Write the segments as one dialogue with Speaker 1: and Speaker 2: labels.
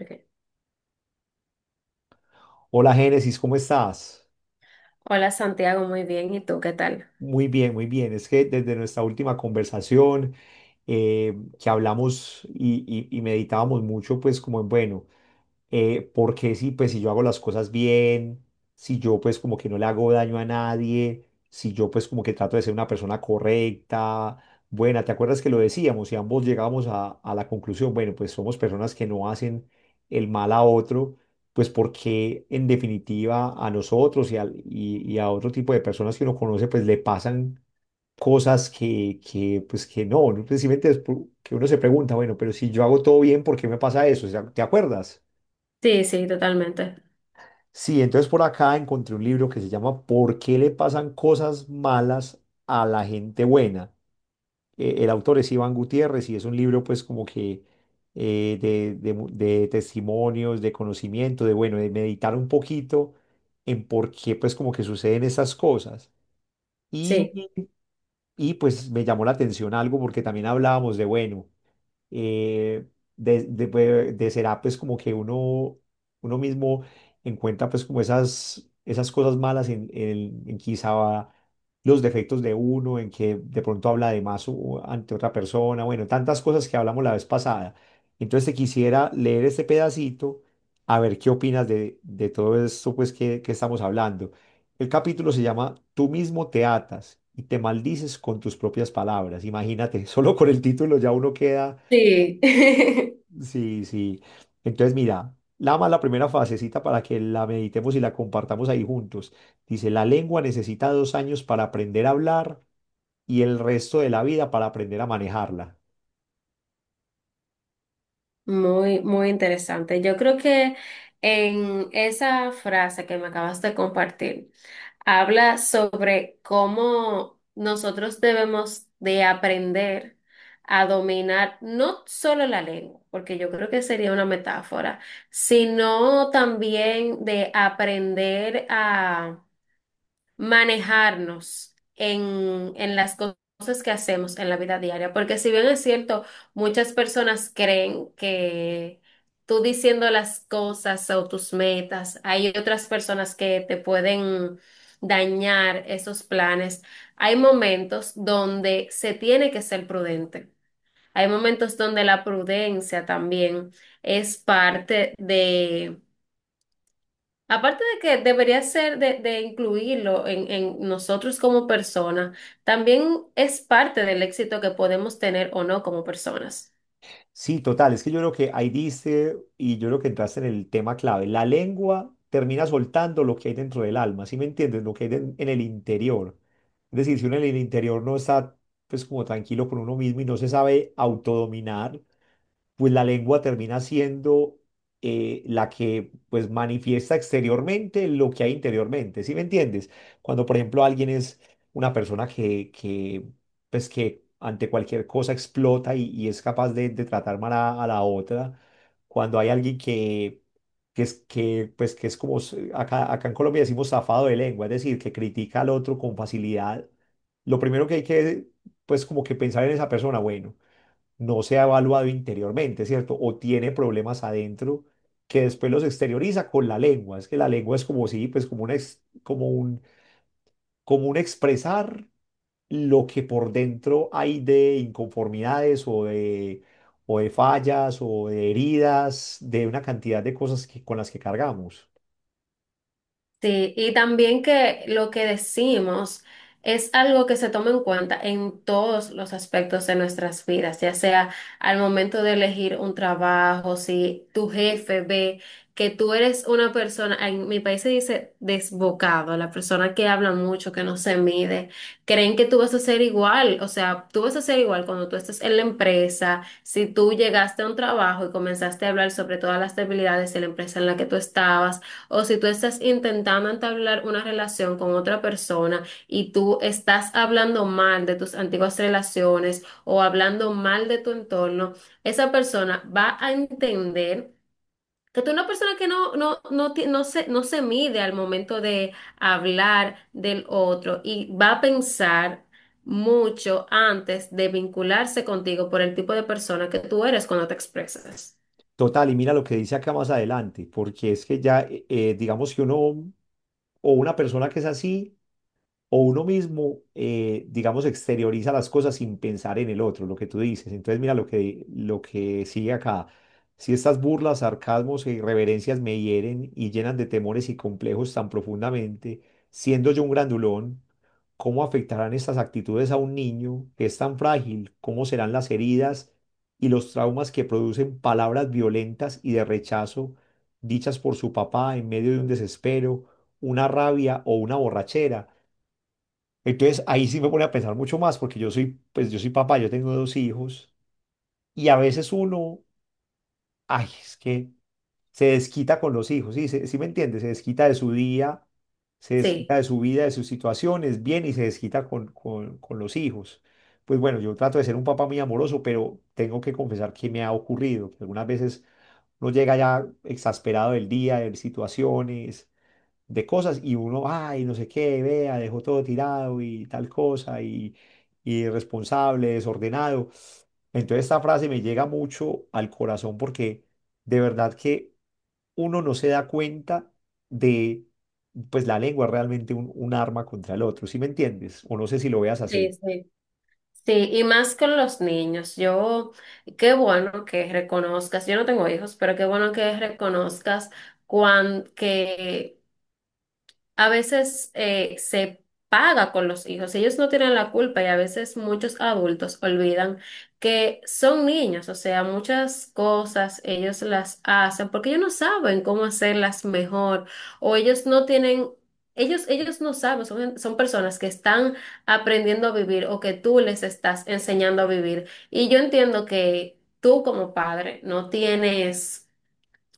Speaker 1: Ok.
Speaker 2: Hola Génesis, ¿cómo estás?
Speaker 1: Hola Santiago, muy bien. ¿Y tú qué tal?
Speaker 2: Muy bien, muy bien. Es que desde nuestra última conversación eh, que hablamos y meditábamos mucho, pues como en, bueno, porque si, pues, si yo hago las cosas bien, si yo pues como que no le hago daño a nadie, si yo pues como que trato de ser una persona correcta, buena, ¿te acuerdas que lo decíamos? Y ambos llegábamos a la conclusión, bueno, pues somos personas que no hacen el mal a otro, pues porque en definitiva a nosotros y a otro tipo de personas que uno conoce, pues le pasan cosas que pues que no, ¿no? Precisamente es que uno se pregunta, bueno, pero si yo hago todo bien, ¿por qué me pasa eso? O sea, ¿te acuerdas?
Speaker 1: Sí, sí, totalmente.
Speaker 2: Sí, entonces por acá encontré un libro que se llama ¿Por qué le pasan cosas malas a la gente buena? El autor es Iván Gutiérrez y es un libro pues como que de testimonios, de conocimiento, de bueno, de meditar un poquito en por qué pues como que suceden esas cosas. Y,
Speaker 1: Sí.
Speaker 2: y pues me llamó la atención algo porque también hablábamos de bueno, eh, de será pues como que uno, uno mismo encuentra pues como esas, esas cosas malas en quizá los defectos de uno, en que de pronto habla de más ante otra persona, bueno, tantas cosas que hablamos la vez pasada. Entonces te quisiera leer este pedacito a ver qué opinas de todo esto pues que estamos hablando. El capítulo se llama Tú mismo te atas. Y te maldices con tus propias palabras. Imagínate, solo con el título ya uno queda.
Speaker 1: Sí.
Speaker 2: Sí, sí. Entonces, mira, la más la primera fasecita para que la meditemos y la compartamos ahí juntos. Dice, la lengua necesita 2 años para aprender a hablar y el resto de la vida para aprender a manejarla.
Speaker 1: Muy, muy interesante. Yo creo que en esa frase que me acabas de compartir, habla sobre cómo nosotros debemos de aprender a dominar no solo la lengua, porque yo creo que sería una metáfora, sino también de aprender a manejarnos en las cosas que hacemos en la vida diaria. Porque si bien es cierto, muchas personas creen que tú diciendo las cosas o tus metas, hay otras personas que te pueden dañar esos planes. Hay momentos donde se tiene que ser prudente. Hay momentos donde la prudencia también es parte. Aparte de que debería ser de incluirlo en nosotros como personas, también es parte del éxito que podemos tener o no como personas.
Speaker 2: Sí, total, es que yo creo que ahí diste y yo creo que entraste en el tema clave. La lengua termina soltando lo que hay dentro del alma, ¿sí me entiendes? Lo que hay en el interior. Es decir, si uno en el interior no está pues como tranquilo con uno mismo y no se sabe autodominar, pues la lengua termina siendo la que pues manifiesta exteriormente lo que hay interiormente, ¿sí me entiendes? Cuando por ejemplo alguien es una persona que pues que ante cualquier cosa explota y es capaz de tratar mal a la otra, cuando hay alguien que... Que es, que, pues, que es como acá, acá en Colombia decimos zafado de lengua, es decir, que critica al otro con facilidad. Lo primero pues, como que pensar en esa persona, bueno, no se ha evaluado interiormente, ¿cierto? O tiene problemas adentro que después los exterioriza con la lengua. Es que la lengua es como si, pues como un, como un expresar lo que por dentro hay de inconformidades o de fallas o de heridas, de una cantidad de cosas que, con las que cargamos.
Speaker 1: Sí, y también que lo que decimos es algo que se toma en cuenta en todos los aspectos de nuestras vidas, ya sea al momento de elegir un trabajo, si tu jefe ve que tú eres una persona, en mi país se dice desbocado, la persona que habla mucho, que no se mide, creen que tú vas a ser igual, o sea, tú vas a ser igual cuando tú estés en la empresa, si tú llegaste a un trabajo y comenzaste a hablar sobre todas las debilidades de la empresa en la que tú estabas, o si tú estás intentando entablar una relación con otra persona y tú estás hablando mal de tus antiguas relaciones o hablando mal de tu entorno, esa persona va a entender que tú eres una persona que no se mide al momento de hablar del otro y va a pensar mucho antes de vincularse contigo por el tipo de persona que tú eres cuando te expresas.
Speaker 2: Total, y mira lo que dice acá más adelante, porque es que ya, digamos que uno o una persona que es así, o uno mismo, digamos, exterioriza las cosas sin pensar en el otro, lo que tú dices. Entonces, mira lo lo que sigue acá. Si estas burlas, sarcasmos e irreverencias me hieren y llenan de temores y complejos tan profundamente, siendo yo un grandulón, ¿cómo afectarán estas actitudes a un niño que es tan frágil? ¿Cómo serán las heridas y los traumas que producen palabras violentas y de rechazo dichas por su papá en medio de un desespero, una rabia o una borrachera? Entonces ahí sí me pone a pensar mucho más porque yo soy, pues yo soy papá, yo tengo dos hijos y a veces uno, ay, es que se desquita con los hijos, ¿sí? ¿Sí me entiendes? Se desquita de su día, se desquita
Speaker 1: Sí.
Speaker 2: de su vida, de sus situaciones, bien, y se desquita con los hijos. Pues bueno, yo trato de ser un papá muy amoroso, pero tengo que confesar que me ha ocurrido, que algunas veces uno llega ya exasperado del día, de situaciones de cosas y uno, ay, no sé qué, vea, dejó todo tirado y tal cosa y irresponsable, desordenado. Entonces esta frase me llega mucho al corazón porque de verdad que uno no se da cuenta de, pues la lengua es realmente un arma contra el otro, ¿sí me entiendes? O no sé si lo veas
Speaker 1: Sí,
Speaker 2: así.
Speaker 1: sí. Sí, y más con los niños. Yo, qué bueno que reconozcas, yo no tengo hijos, pero qué bueno que reconozcas cuán, que a veces se paga con los hijos. Ellos no tienen la culpa y a veces muchos adultos olvidan que son niños, o sea, muchas cosas ellos las hacen porque ellos no saben cómo hacerlas mejor o ellos no tienen... Ellos no saben, son son personas que están aprendiendo a vivir o que tú les estás enseñando a vivir. Y yo entiendo que tú como padre no tienes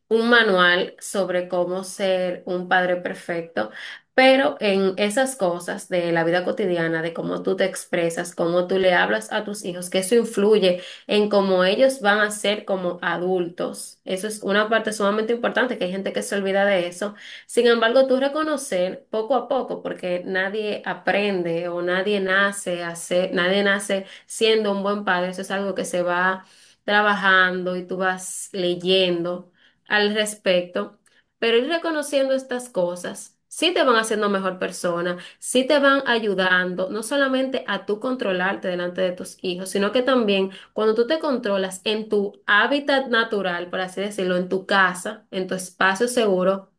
Speaker 1: un manual sobre cómo ser un padre perfecto, pero en esas cosas de la vida cotidiana, de cómo tú te expresas, cómo tú le hablas a tus hijos, que eso influye en cómo ellos van a ser como adultos. Eso es una parte sumamente importante, que hay gente que se olvida de eso. Sin embargo, tú reconocer poco a poco, porque nadie aprende o nadie nace siendo un buen padre, eso es algo que se va trabajando y tú vas leyendo al respecto, pero ir reconociendo estas cosas, sí te van haciendo mejor persona, sí te van ayudando, no solamente a tú controlarte delante de tus hijos, sino que también cuando tú te controlas en tu hábitat natural, por así decirlo, en tu casa, en tu espacio seguro,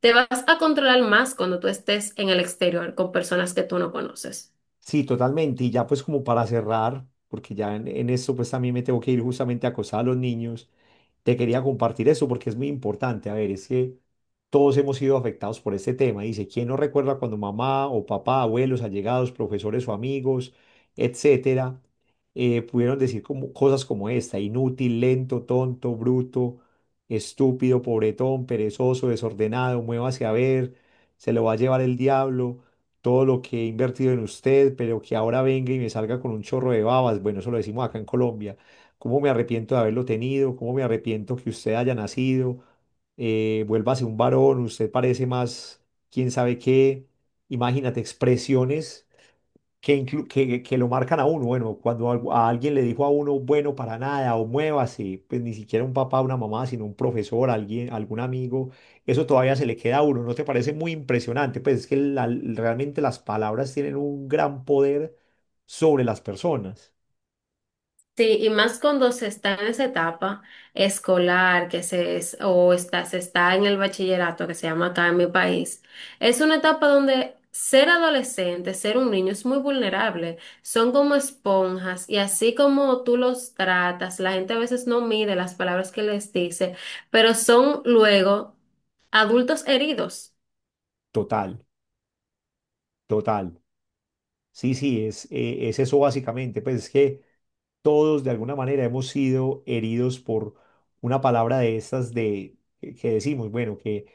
Speaker 1: te vas a controlar más cuando tú estés en el exterior con personas que tú no conoces.
Speaker 2: Sí, totalmente. Y ya pues como para cerrar, porque ya en esto pues también me tengo que ir justamente a acosar a los niños, te quería compartir eso porque es muy importante. A ver, es que todos hemos sido afectados por este tema. Dice, ¿quién no recuerda cuando mamá o papá, abuelos, allegados, profesores o amigos, etcétera, pudieron decir como, cosas como esta, inútil, lento, tonto, bruto, estúpido, pobretón, perezoso, desordenado, muévase a ver, se lo va a llevar el diablo? Todo lo que he invertido en usted, pero que ahora venga y me salga con un chorro de babas, bueno, eso lo decimos acá en Colombia, cómo me arrepiento de haberlo tenido, cómo me arrepiento que usted haya nacido, vuélvase un varón, usted parece más, quién sabe qué, imagínate, expresiones que, que lo marcan a uno. Bueno, cuando a alguien le dijo a uno, bueno, para nada, o muévase, pues ni siquiera un papá, una mamá, sino un profesor, alguien, algún amigo, eso todavía se le queda a uno. ¿No te parece muy impresionante? Pues es que realmente las palabras tienen un gran poder sobre las personas.
Speaker 1: Sí, y más cuando se está en esa etapa escolar que se es, o está, se está en el bachillerato que se llama acá en mi país. Es una etapa donde ser adolescente, ser un niño es muy vulnerable. Son como esponjas y así como tú los tratas, la gente a veces no mide las palabras que les dice, pero son luego adultos heridos.
Speaker 2: Total, total. Sí, sí, es eso básicamente. Pues es que todos de alguna manera hemos sido heridos por una palabra de estas de que decimos, bueno, que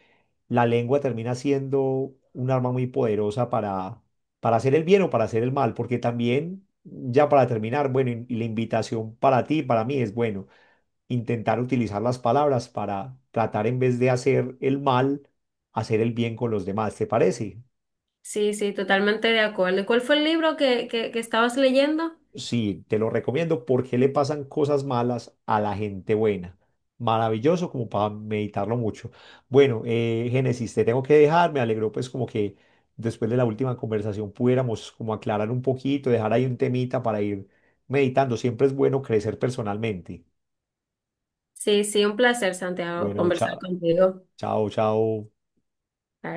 Speaker 2: la lengua termina siendo un arma muy poderosa para hacer el bien o para hacer el mal, porque también ya para terminar, bueno, y la invitación para ti, para mí es bueno, intentar utilizar las palabras para tratar en vez de hacer el mal, hacer el bien con los demás, ¿te parece?
Speaker 1: Sí, sí, totalmente de acuerdo. ¿Y cuál fue el libro que estabas leyendo?
Speaker 2: Sí, te lo recomiendo porque le pasan cosas malas a la gente buena. Maravilloso como para meditarlo mucho. Bueno, Génesis, te tengo que dejar. Me alegró pues como que después de la última conversación pudiéramos como aclarar un poquito, dejar ahí un temita para ir meditando. Siempre es bueno crecer personalmente.
Speaker 1: Sí, sí, un placer, Santiago,
Speaker 2: Bueno,
Speaker 1: conversar
Speaker 2: chao,
Speaker 1: contigo.
Speaker 2: chao, chao.